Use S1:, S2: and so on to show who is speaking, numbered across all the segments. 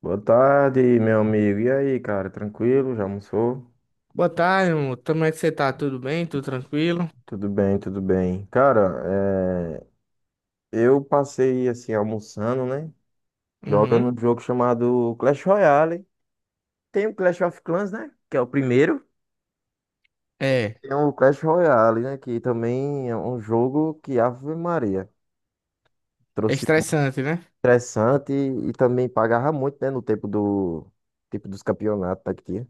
S1: Boa tarde, meu amigo. E aí, cara, tranquilo? Já almoçou?
S2: Boa tarde, amor. Como é que você tá? Tudo bem? Tudo tranquilo?
S1: Tudo bem, tudo bem. Cara, eu passei assim almoçando, né?
S2: Uhum.
S1: Jogando um jogo chamado Clash Royale. Tem o Clash of Clans, né? Que é o primeiro.
S2: É,
S1: Tem o Clash Royale, né? Que também é um jogo que Ave Maria
S2: é
S1: trouxe muito
S2: estressante, né?
S1: estressante e também pagava muito, né? No tempo do tipo dos campeonatos daqui.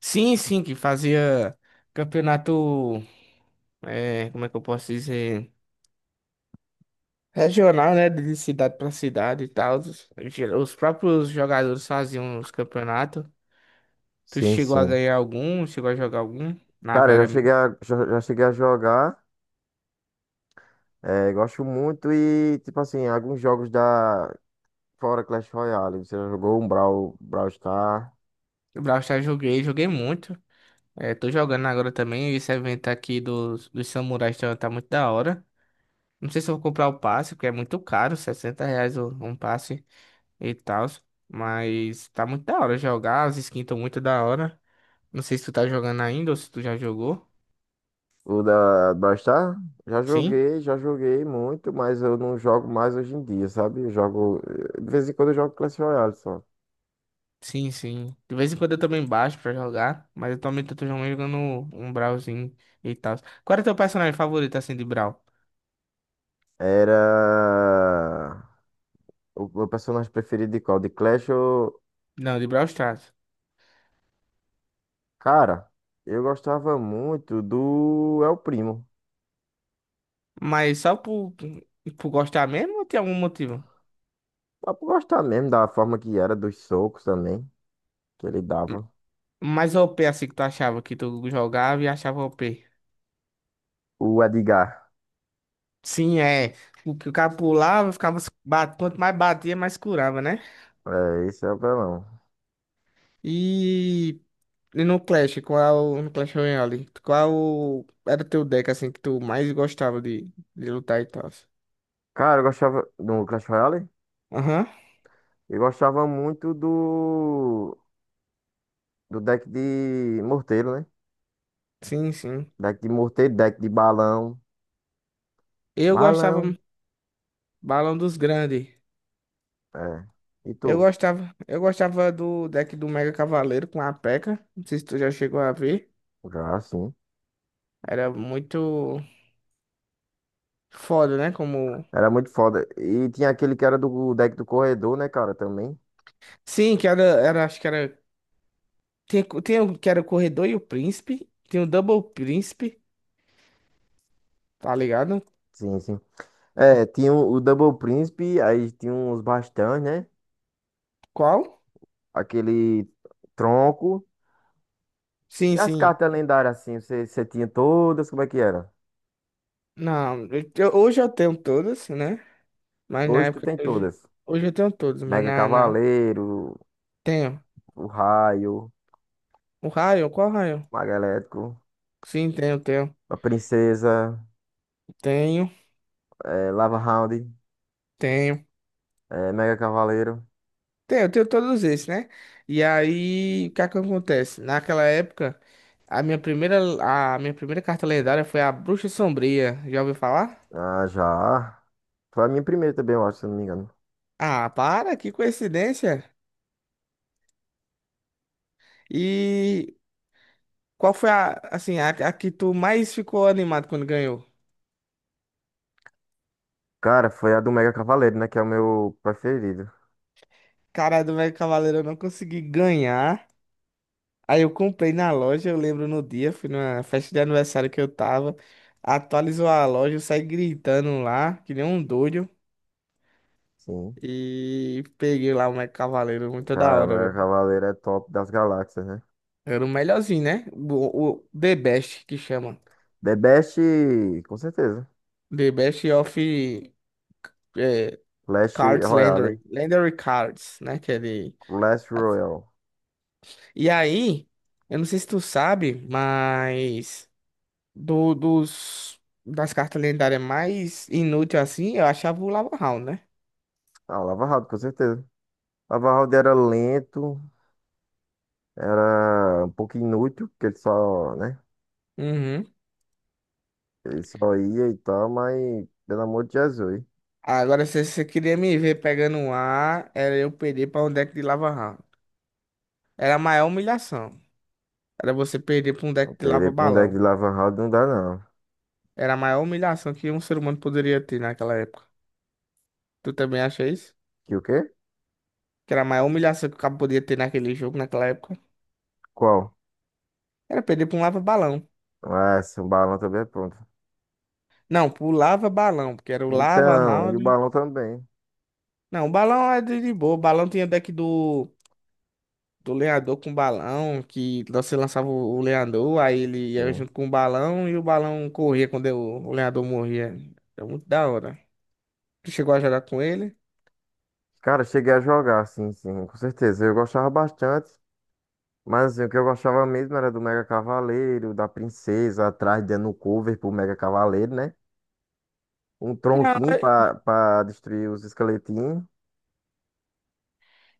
S2: Sim, sim, que fazia campeonato, é, como é que eu posso dizer? Regional, né? De cidade pra cidade e tal. Os próprios jogadores faziam os campeonatos. Tu
S1: Sim,
S2: chegou a
S1: sim.
S2: ganhar algum? Chegou a jogar algum? Na
S1: Cara, eu já
S2: Vera
S1: cheguei
S2: mesmo.
S1: a, já, já cheguei a jogar. É, gosto muito e, tipo assim, alguns jogos da. Fora Clash Royale. Você já jogou um Brawl Star?
S2: O Brawl Stars joguei, joguei muito. É, tô jogando agora também. Esse evento aqui dos samurais tá muito da hora. Não sei se eu vou comprar o passe, porque é muito caro, R$ 60 um passe e tal. Mas tá muito da hora jogar, as skins estão muito da hora. Não sei se tu tá jogando ainda ou se tu já jogou.
S1: O da Brawl Star?
S2: Sim?
S1: Já joguei muito, mas eu não jogo mais hoje em dia, sabe? Eu jogo. De vez em quando eu jogo Clash Royale só.
S2: Sim, sim. De vez em quando eu também baixo pra jogar, mas atualmente eu tô jogando um Brawlzinho e tal. Qual é o teu personagem favorito assim de Brawl?
S1: Era. O meu personagem preferido de qual? De Clash ou.
S2: Não, de Brawl Stars.
S1: Cara, eu gostava muito do El Primo.
S2: Mas só por gostar mesmo ou tem algum motivo?
S1: Dá pra gostar mesmo da forma que era, dos socos também, que ele dava.
S2: Mais OP assim que tu achava que tu jogava e achava o OP?
S1: O Edgar.
S2: Sim, é. O que o cara pulava, ficava. Se bat- Quanto mais batia, mais curava, né?
S1: É, esse é o apelão.
S2: E, e no Clash, qual. No Clash Royale, qual era teu deck, assim, que tu mais gostava de lutar e tal?
S1: Cara, eu gostava do Clash Royale.
S2: Aham,
S1: Eu gostava muito do deck de morteiro, né?
S2: sim, sim.
S1: Deck de morteiro, deck de balão.
S2: Eu gostava
S1: Balão.
S2: Balão dos Grandes.
S1: É. E tu?
S2: Eu gostava do deck do Mega Cavaleiro com a P.E.K.K.A. Não sei se tu já chegou a ver.
S1: Já, sim.
S2: Era muito foda, né? Como.
S1: Era muito foda. E tinha aquele que era do deck do corredor, né, cara, também.
S2: Sim, era, acho que era. Tem o que era o Corredor e o Príncipe. Tem o Double Príncipe, tá ligado?
S1: Sim, sim. É, tinha o Double Príncipe, aí tinha uns bastões, né?
S2: Qual?
S1: Aquele tronco. E
S2: Sim,
S1: as
S2: sim.
S1: cartas lendárias, assim, você tinha todas, como é que era?
S2: Não, eu- Hoje eu tenho todas, né? Mas na
S1: Hoje tu
S2: época.
S1: tem todas.
S2: Hoje eu tenho todos, mas
S1: Mega
S2: na...
S1: Cavaleiro,
S2: Tenho.
S1: o Raio,
S2: O Raio, qual Raio?
S1: Mago Elétrico,
S2: Sim, tenho, tenho.
S1: a Princesa,
S2: Tenho,
S1: Lava Hound,
S2: tenho.
S1: Mega Cavaleiro.
S2: Tenho, tenho todos esses, né? E aí, o que é que acontece? Naquela época, a minha primeira, a minha primeira carta lendária foi a Bruxa Sombria. Já ouviu falar?
S1: Ah, já. Foi a minha primeira também, eu acho, se eu não me engano.
S2: Ah, para, que coincidência. E qual foi assim, a que tu mais ficou animado quando ganhou?
S1: Cara, foi a do Mega Cavaleiro, né? Que é o meu preferido.
S2: Cara, do Mega Cavaleiro eu não consegui ganhar. Aí eu comprei na loja, eu lembro no dia, fui numa festa de aniversário que eu tava. Atualizou a loja, eu saí gritando lá, que nem um doido.
S1: Sim.
S2: E peguei lá o Mega Cavaleiro, muito da
S1: Cara, o
S2: hora,
S1: Mega
S2: velho.
S1: Cavaleiro é top das galáxias, né?
S2: Era o melhorzinho, né? O The Best, que chama.
S1: The Best, com certeza.
S2: The Best of eh,
S1: Clash
S2: Cards
S1: Royale.
S2: Legendary. Legendary Cards, né? Que é de
S1: Clash Royale.
S2: e aí, eu não sei se tu sabe, mas dos das cartas lendárias mais inúteis assim, eu achava o Lava Hound, né?
S1: Ah, Lava Hound, com certeza. Lava Hound era lento, era um pouco inútil, porque ele só, né?
S2: Uhum.
S1: Ele só ia e tal, mas pelo amor de Jesus.
S2: Agora, se você queria me ver pegando um A, era eu perder pra um deck de Lava Hound. Era a maior humilhação. Era você perder pra um
S1: Não,
S2: deck de Lava
S1: perder pra um deck de
S2: Balão.
S1: Lava House não dá, não.
S2: Era a maior humilhação que um ser humano poderia ter naquela época. Tu também acha isso?
S1: Que o quê?
S2: Que era a maior humilhação que o cabo podia ter naquele jogo, naquela época?
S1: Qual?
S2: Era perder pra um Lava Balão.
S1: Ah, sim, o balão também é pronto.
S2: Não, pro Lava Balão, porque era o Lava
S1: Então, e o
S2: Round.
S1: balão também.
S2: Não, o balão é de boa. O balão tinha deck do lenhador com balão, que você lançava o lenhador, aí ele ia
S1: Sim.
S2: junto com o balão e o balão corria quando o lenhador morria. É muito da hora. Tu chegou a jogar com ele?
S1: Cara, cheguei a jogar, sim, sim, com certeza. Eu gostava bastante. Mas assim, o que eu gostava mesmo era do Mega Cavaleiro, da Princesa, atrás dando cover pro Mega Cavaleiro, né? Um
S2: Não,
S1: tronquinho pra destruir os esqueletinhos.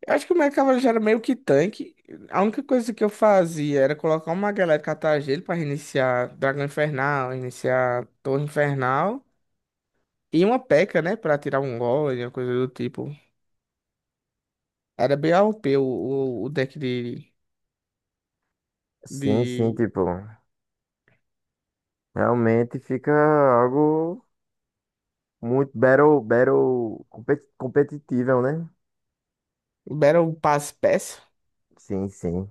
S2: eu acho que o meu cavalo já era meio que tanque. A única coisa que eu fazia era colocar uma galera de catar gelo pra reiniciar Dragão Infernal, iniciar Torre Infernal e uma P.E.K.K.A, né, pra tirar um golem, uma coisa do tipo. Era bem AOP o, P o deck de
S1: Sim, sim, tipo, realmente fica algo. Muito battle competitiva, né?
S2: Libera pass passe peça,
S1: Sim, sim,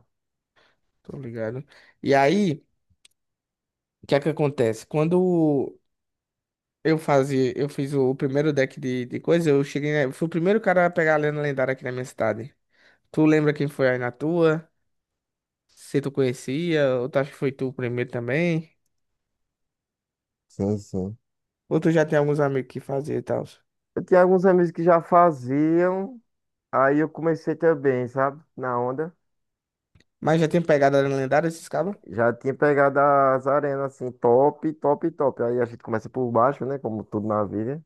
S2: tô ligado. E aí, o que é que acontece? Quando eu fazia, eu fiz o primeiro deck de coisa, eu cheguei, né, eu fui o primeiro cara a pegar a lenda lendária aqui na minha cidade. Tu lembra quem foi aí na tua? Se tu conhecia, ou tu acha que foi tu o primeiro também?
S1: sim, sim.
S2: Ou tu já tem alguns amigos que fazia e tal?
S1: Eu tinha alguns amigos que já faziam, aí eu comecei também, sabe? Na onda.
S2: Mas já tem pegado a lenda lendária esses cabos?
S1: Já tinha pegado as arenas assim, top, top, top. Aí a gente começa por baixo, né? Como tudo na vida.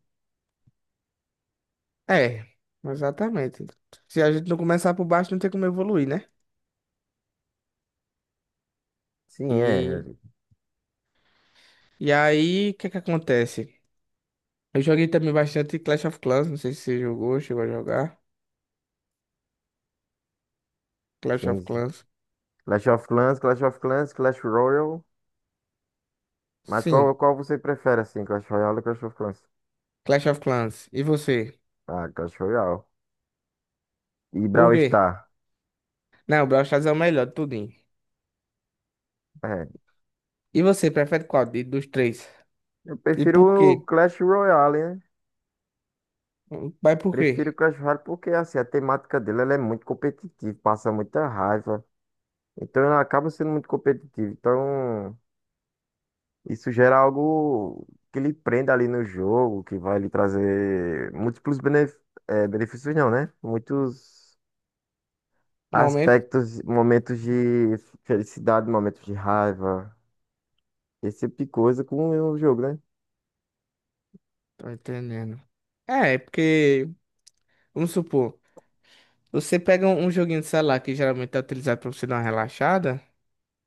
S2: É, exatamente. Se a gente não começar por baixo, não tem como evoluir, né?
S1: Sim, é.
S2: E, e aí, o que é que acontece? Eu joguei também bastante Clash of Clans, não sei se você jogou, chegou a jogar. Clash
S1: Sim,
S2: of
S1: sim.
S2: Clans.
S1: Clash of Clans, Clash of Clans, Clash Royale. Mas qual,
S2: Sim,
S1: qual você prefere, assim? Clash Royale ou Clash of Clans?
S2: Clash of Clans. E você?
S1: Ah, Clash Royale. E
S2: Por
S1: Brawl
S2: quê?
S1: Stars.
S2: Não, Brawl Stars é o melhor, de tudinho.
S1: É.
S2: E você, prefere qual dos três?
S1: Eu
S2: E
S1: prefiro
S2: por
S1: o
S2: quê?
S1: Clash Royale, né?
S2: Vai por
S1: Prefiro
S2: quê?
S1: Crash Royale porque assim, a temática dele ela é muito competitiva, passa muita raiva. Então ela acaba sendo muito competitiva. Então isso gera algo que lhe prenda ali no jogo, que vai lhe trazer múltiplos benefícios, não, né? Muitos
S2: Momento?
S1: aspectos, momentos de felicidade, momentos de raiva, esse tipo de coisa com o jogo, né?
S2: Tô entendendo. É porque, vamos supor, você pega um um joguinho de celular que geralmente é utilizado pra você dar uma relaxada.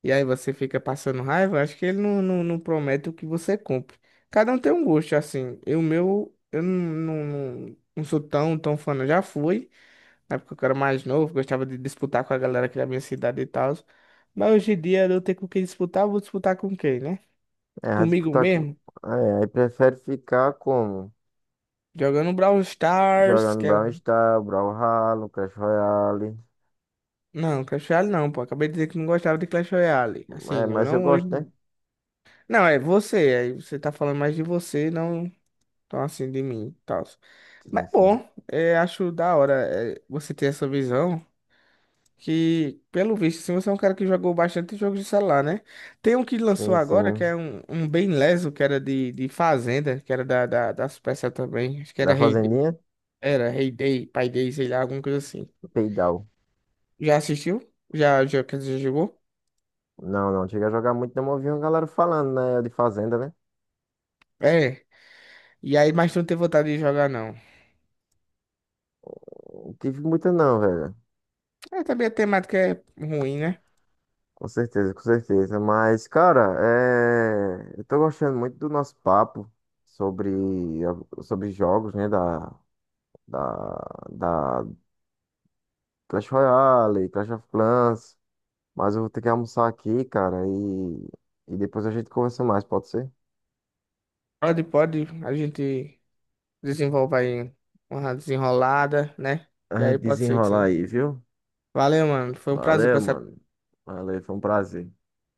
S2: E aí você fica passando raiva, acho que ele não promete o que você cumpre. Cada um tem um gosto, assim. Eu não, não sou tão, tão fã, não. Já fui, na época que eu era mais novo, gostava de disputar com a galera aqui da minha cidade e tal. Mas hoje em dia eu tenho com quem disputar, eu vou disputar com quem, né?
S1: É, a
S2: Comigo
S1: disputar com.
S2: mesmo?
S1: É, aí prefere ficar como?
S2: Jogando Brawl Stars,
S1: Jogando
S2: que é
S1: Brawl
S2: um...
S1: Stars, Brawlhalla, Crash Royale.
S2: Não, Clash Royale não, pô. Acabei de dizer que não gostava de Clash Royale.
S1: É,
S2: Assim, eu
S1: mas eu
S2: não hoje.
S1: gosto, né?
S2: Não, é você. Aí você tá falando mais de você, não tão assim de mim, tal. Mas
S1: Sim,
S2: é
S1: sim.
S2: bom, é, acho da hora é, você ter essa visão. Que, pelo visto, assim, você é um cara que jogou bastante jogos de celular, né? Tem um que lançou
S1: Sim,
S2: agora, que
S1: sim.
S2: é um, um bem leso, que era de Fazenda, que era da Supercell também. Acho que era
S1: Da
S2: Rei Day.
S1: Fazendinha?
S2: Era Rei Day, Pai Day, sei lá, alguma coisa assim.
S1: Peidal.
S2: Já assistiu? Já, já, quer dizer, já jogou?
S1: Não, não. Chega a jogar muito, não eu ouvi uma galera falando, né? De Fazenda, né?
S2: É. E aí, mas tu não tem vontade de jogar, não.
S1: Não tive muita, não, velho.
S2: É, também a temática é ruim, né?
S1: Com certeza, com certeza. Mas, cara, eu tô gostando muito do nosso papo sobre, sobre jogos, né? Da, da Clash Royale, Clash of Clans. Mas eu vou ter que almoçar aqui, cara, e depois a gente conversa mais, pode ser?
S2: Pode, pode, a gente. Desenvolva aí uma desenrolada, né?
S1: A
S2: E aí
S1: gente
S2: pode ser que
S1: desenrolar
S2: sim.
S1: aí, viu?
S2: Valeu, mano. Foi um prazer
S1: Valeu,
S2: conversar
S1: mano. Valeu, foi um prazer.